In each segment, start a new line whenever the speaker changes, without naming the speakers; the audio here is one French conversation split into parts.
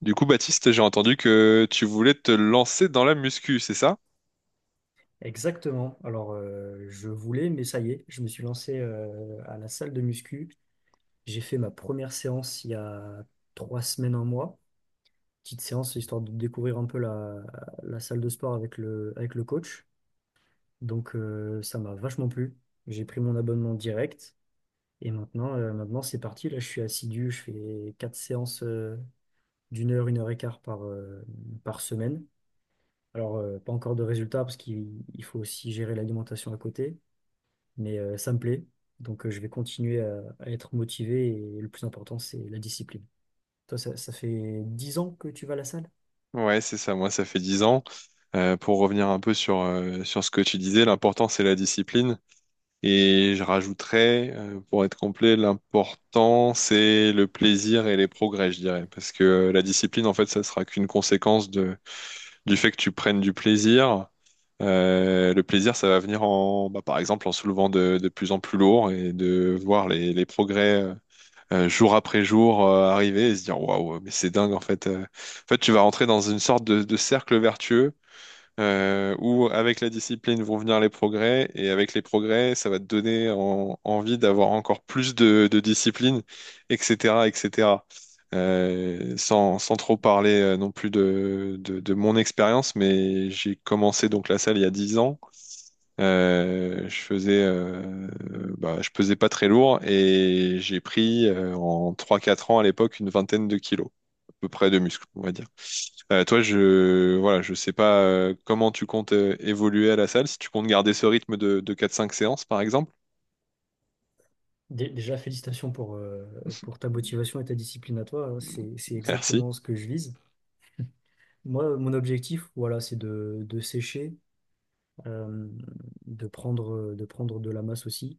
Du coup, Baptiste, j'ai entendu que tu voulais te lancer dans la muscu, c'est ça?
Exactement. Je voulais, mais ça y est, je me suis lancé à la salle de muscu. J'ai fait ma première séance il y a trois semaines, un mois. Petite séance, histoire de découvrir un peu la salle de sport avec avec le coach. Ça m'a vachement plu. J'ai pris mon abonnement direct. Et maintenant, maintenant c'est parti. Là, je suis assidu. Je fais quatre séances d'une heure, une heure et quart par semaine. Pas encore de résultats parce qu'il il faut aussi gérer l'alimentation à côté. Mais ça me plaît. Donc, je vais continuer à être motivé et le plus important, c'est la discipline. Toi, ça fait 10 ans que tu vas à la salle?
Ouais, c'est ça. Moi, ça fait 10 ans. Pour revenir un peu sur ce que tu disais, l'important, c'est la discipline. Et je rajouterais, pour être complet, l'important, c'est le plaisir et les progrès, je dirais. Parce que la discipline, en fait, ça sera qu'une conséquence du fait que tu prennes du plaisir. Le plaisir, ça va venir bah, par exemple, en soulevant de plus en plus lourd et de voir les progrès jour après jour arriver et se dire, waouh, mais c'est dingue, en fait. En fait, tu vas rentrer dans une sorte de cercle vertueux où avec la discipline vont venir les progrès, et avec les progrès, ça va te donner envie d'avoir encore plus de discipline, etc., etc. Sans trop parler non plus de mon expérience, mais j'ai commencé donc la salle il y a 10 ans. Euh, je faisais, euh, je pesais pas très lourd et j'ai pris en trois quatre ans à l'époque une vingtaine de kilos, à peu près de muscles, on va dire. Toi, je voilà, je sais pas comment tu comptes évoluer à la salle, si tu comptes garder ce rythme de 4-5 séances par exemple.
Déjà, félicitations pour ta motivation et ta discipline à toi, hein. C'est
Merci.
exactement ce que je vise. Moi, mon objectif, voilà, c'est de sécher, euh, de prendre, de prendre de la masse aussi,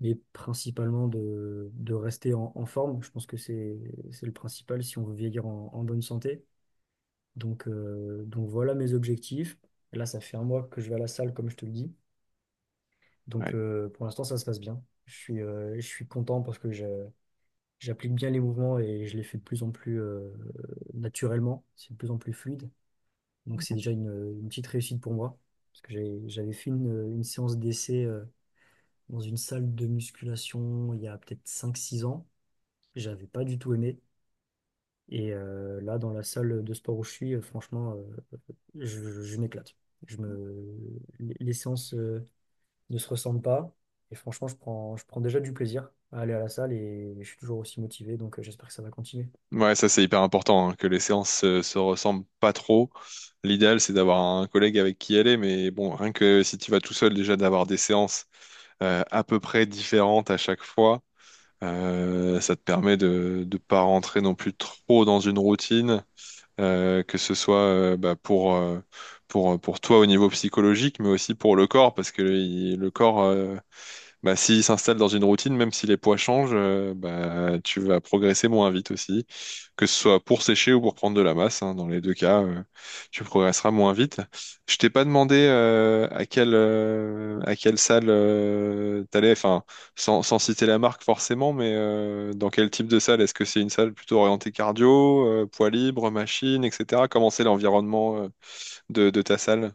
mais principalement de rester en forme. Je pense que c'est le principal si on veut vieillir en bonne santé. Donc voilà mes objectifs. Là, ça fait un mois que je vais à la salle, comme je te le dis. Donc
Ouais,
euh, pour l'instant, ça se passe bien. Je suis content parce que j'applique bien les mouvements et je les fais de plus en plus naturellement. C'est de plus en plus fluide. Donc c'est déjà une petite réussite pour moi. Parce que j'avais fait une séance d'essai dans une salle de musculation il y a peut-être cinq six ans. J'avais pas du tout aimé. Et là, dans la salle de sport où je suis, franchement, je m'éclate. Je me… Les séances ne se ressemblent pas. Et franchement, je prends déjà du plaisir à aller à la salle et je suis toujours aussi motivé. Donc, j'espère que ça va continuer.
ouais, ça c'est hyper important, hein, que les séances se ressemblent pas trop. L'idéal c'est d'avoir un collègue avec qui aller, mais bon, rien que si tu vas tout seul déjà d'avoir des séances à peu près différentes à chaque fois. Ça te permet de ne pas rentrer non plus trop dans une routine, que ce soit pour toi au niveau psychologique, mais aussi pour le corps, parce que le corps, s'il s'installe dans une routine, même si les poids changent, tu vas progresser moins vite aussi. Que ce soit pour sécher ou pour prendre de la masse, hein, dans les deux cas, tu progresseras moins vite. Je t'ai pas demandé à quelle salle t'allais, enfin, sans citer la marque forcément, mais dans quel type de salle? Est-ce que c'est une salle plutôt orientée cardio, poids libre, machine, etc. Comment c'est l'environnement de ta salle?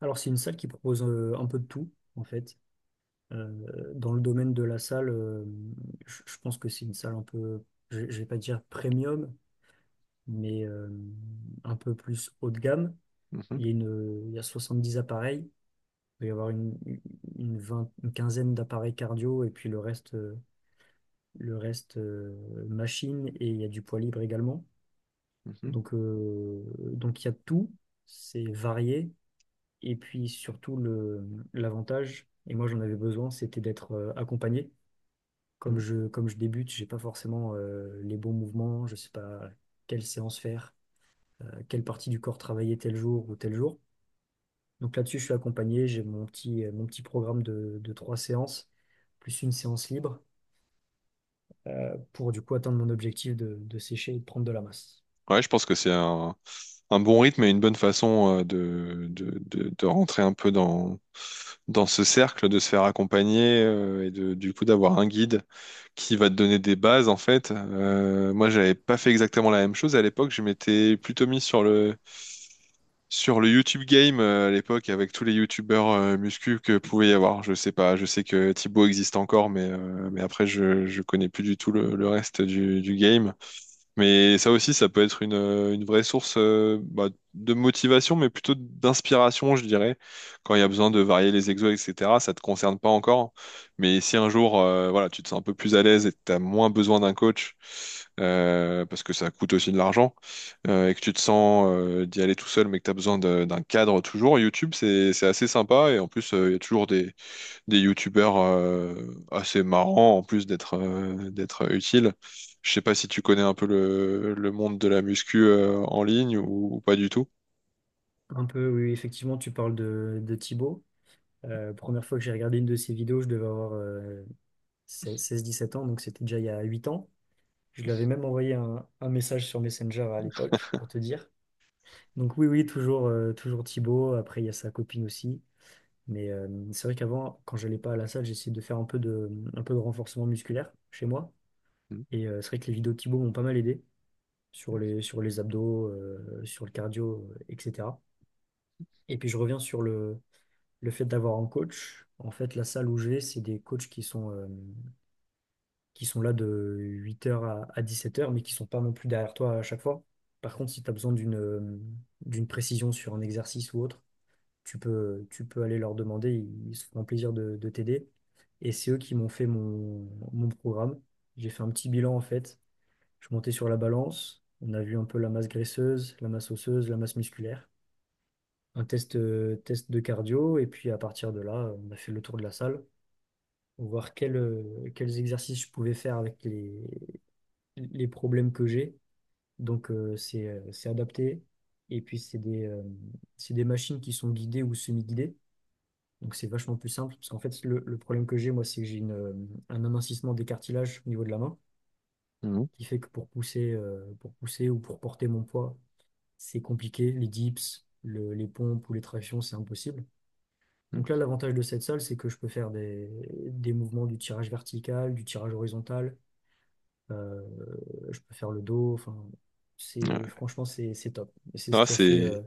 Alors, c'est une salle qui propose un peu de tout, en fait. Dans le domaine de la salle, je pense que c'est une salle je ne vais pas dire premium, mais un peu plus haut de gamme.
Mhm,
Il y a 70 appareils. Il doit y avoir une quinzaine d'appareils cardio et puis le reste, machine et il y a du poids libre également.
mhm,
Donc, euh, donc il y a tout, c'est varié. Et puis surtout, l'avantage, et moi j'en avais besoin, c'était d'être accompagné.
mhm.
Comme je débute, j'ai pas forcément les bons mouvements, je sais pas quelle séance faire, quelle partie du corps travailler tel jour ou tel jour. Donc là-dessus, je suis accompagné. J'ai mon petit programme de trois séances, plus une séance libre, pour du coup atteindre mon objectif de sécher et de prendre de la masse.
Ouais, je pense que c'est un bon rythme et une bonne façon de rentrer un peu dans ce cercle, de se faire accompagner du coup d'avoir un guide qui va te donner des bases en fait. Moi, j'avais pas fait exactement la même chose à l'époque. Je m'étais plutôt mis sur le YouTube Game à l'époque avec tous les YouTubeurs muscu que pouvait y avoir. Je sais pas. Je sais que Thibaut existe encore, mais après je connais plus du tout le reste du game. Mais ça aussi, ça peut être une vraie source de motivation, mais plutôt d'inspiration, je dirais. Quand il y a besoin de varier les exos, etc., ça te concerne pas encore. Mais si un jour, voilà, tu te sens un peu plus à l'aise et que tu as moins besoin d'un coach, parce que ça coûte aussi de l'argent, et que tu te sens d'y aller tout seul, mais que tu as besoin d'un cadre toujours, YouTube, c'est assez sympa. Et en plus, il y a toujours des youtubeurs assez marrants en plus d'être d'être utiles. Je sais pas si tu connais un peu le monde de la muscu en ligne ou pas du tout.
Un peu, oui, effectivement, tu parles de Thibaut. Première fois que j'ai regardé une de ses vidéos, je devais avoir seize dix-sept ans, donc c'était déjà il y a 8 ans. Je lui avais même envoyé un message sur Messenger à l'époque, pour te dire. Donc oui, oui, toujours Thibaut. Après, il y a sa copine aussi. Mais c'est vrai qu'avant, quand j'allais pas à la salle, j'essayais de faire un peu de renforcement musculaire chez moi.
Mhm.
Et c'est vrai que les vidéos de Thibaut m'ont pas mal aidé sur les abdos, sur le cardio, etc. Et puis je reviens sur le fait d'avoir un coach. En fait, la salle où je vais, c'est des coachs qui sont là de 8 heures à 17 heures mais qui sont pas non plus derrière toi à chaque fois. Par contre, si tu as besoin d'une précision sur un exercice ou autre, tu peux aller leur demander, ils se feront plaisir de t'aider. Et c'est eux qui m'ont fait mon programme. J'ai fait un petit bilan en fait. Je montais sur la balance, on a vu un peu la masse graisseuse, la masse osseuse, la masse musculaire, un test de cardio, et puis à partir de là, on a fait le tour de la salle pour voir quels exercices je pouvais faire avec les problèmes que j'ai. Donc c'est adapté. Et puis c'est c'est des machines qui sont guidées ou semi-guidées. Donc c'est vachement plus simple, parce qu'en fait, le problème que j'ai, moi, c'est que j'ai un amincissement des cartilages au niveau de la main,
Mhm.
qui fait que pour pousser ou pour porter mon poids, c'est compliqué. Les dips, les pompes ou les tractions, c'est impossible.
Mhm.
Donc là, l'avantage de cette salle, c'est que je peux faire des mouvements du tirage vertical, du tirage horizontal, euh, je peux faire le dos, enfin, c'est,
Ouais.
franchement, c'est, c'est top. Et c'est ce
Ah,
qui a fait,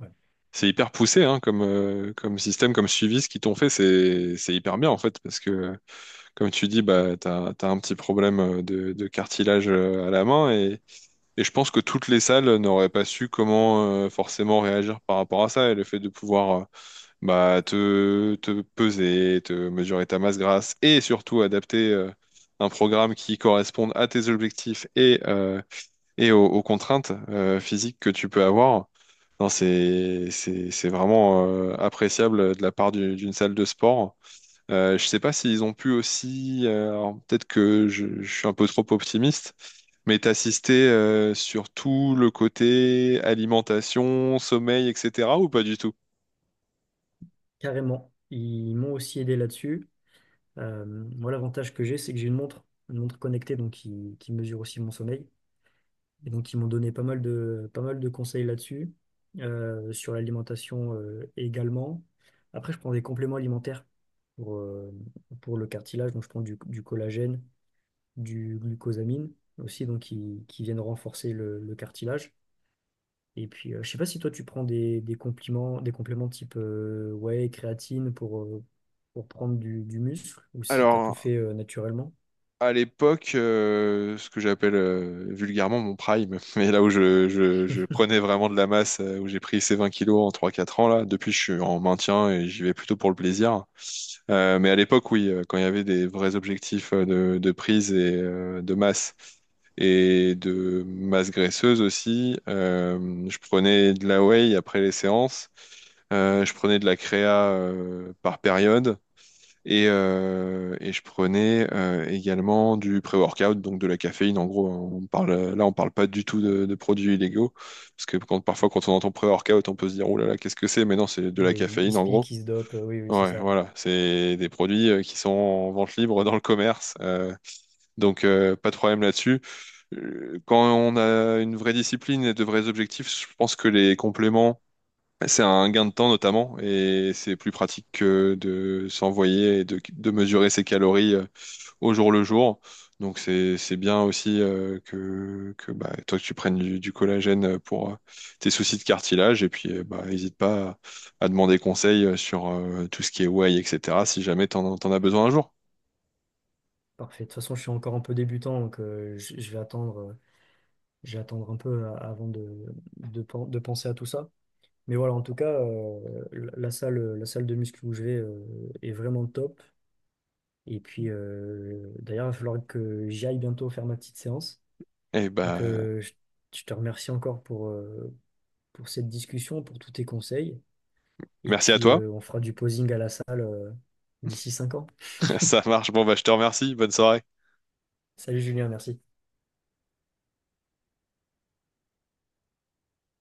ouais,
c'est hyper poussé, hein, comme comme système, comme suivi. Ce qu'ils t'ont fait, c'est hyper bien en fait parce que comme tu dis, bah t'as un petit problème de cartilage à la main et je pense que toutes les salles n'auraient pas su comment forcément réagir par rapport à ça et le fait de pouvoir te peser, te mesurer ta masse grasse et surtout adapter un programme qui corresponde à tes objectifs et aux contraintes physiques que tu peux avoir. Non, c'est vraiment appréciable de la part d'une salle de sport. Je sais pas s'ils ont pu aussi, alors peut-être que je suis un peu trop optimiste, mais t'assister sur tout le côté alimentation, sommeil, etc. ou pas du tout?
carrément. Ils m'ont aussi aidé là-dessus. Euh, Moi, l'avantage que j'ai, c'est que j'ai une montre connectée donc qui mesure aussi mon sommeil. Et donc, ils m'ont donné pas mal de conseils là-dessus, sur l'alimentation également. Après, je prends des compléments alimentaires pour, euh, pour le cartilage. Donc, je prends du collagène, du glucosamine aussi, donc qui viennent renforcer le cartilage. Et puis, je sais pas si toi, tu prends des compléments type whey, créatine pour prendre du muscle ou si tu as tout
Alors,
fait naturellement.
à l'époque, ce que j'appelle vulgairement mon prime, mais là où je prenais vraiment de la masse, où j'ai pris ces 20 kilos en trois quatre ans, là, depuis je suis en maintien et j'y vais plutôt pour le plaisir. Mais à l'époque, oui, quand il y avait des vrais objectifs de prise et de masse et de masse graisseuse aussi, je prenais de la whey après les séances. Je prenais de la créa par période et je prenais également du pré-workout, donc de la caféine. En gros, on parle pas du tout de produits illégaux, parce que parfois, quand on entend pré-workout, on peut se dire, oh là là, qu'est-ce que c'est? Mais non, c'est de la
Oui, il
caféine,
se
en gros.
pique, il se dope, oui, oui, c'est
Ouais,
ça.
voilà, c'est des produits qui sont en vente libre dans le commerce, pas de problème là-dessus. Quand on a une vraie discipline et de vrais objectifs, je pense que les compléments c'est un gain de temps notamment, et c'est plus pratique que de s'envoyer et de mesurer ses calories au jour le jour. Donc c'est bien aussi que toi que tu prennes du collagène pour tes soucis de cartilage, et puis n'hésite pas à demander conseil sur tout ce qui est whey, etc. si jamais t'en as besoin un jour.
Parfait. De toute façon, je suis encore un peu débutant, donc je vais attendre un peu avant de penser à tout ça. Mais voilà, en tout cas, la salle de muscu où je vais est vraiment top. Et puis, d'ailleurs, il va falloir que j'y aille bientôt faire ma petite séance.
Et
Donc,
bah
euh, je, je te remercie encore pour cette discussion, pour tous tes conseils. Et
merci à
puis,
toi,
on fera du posing à la salle d'ici 5 ans.
ça marche, bon bah je te remercie, bonne soirée.
Salut Julien, merci.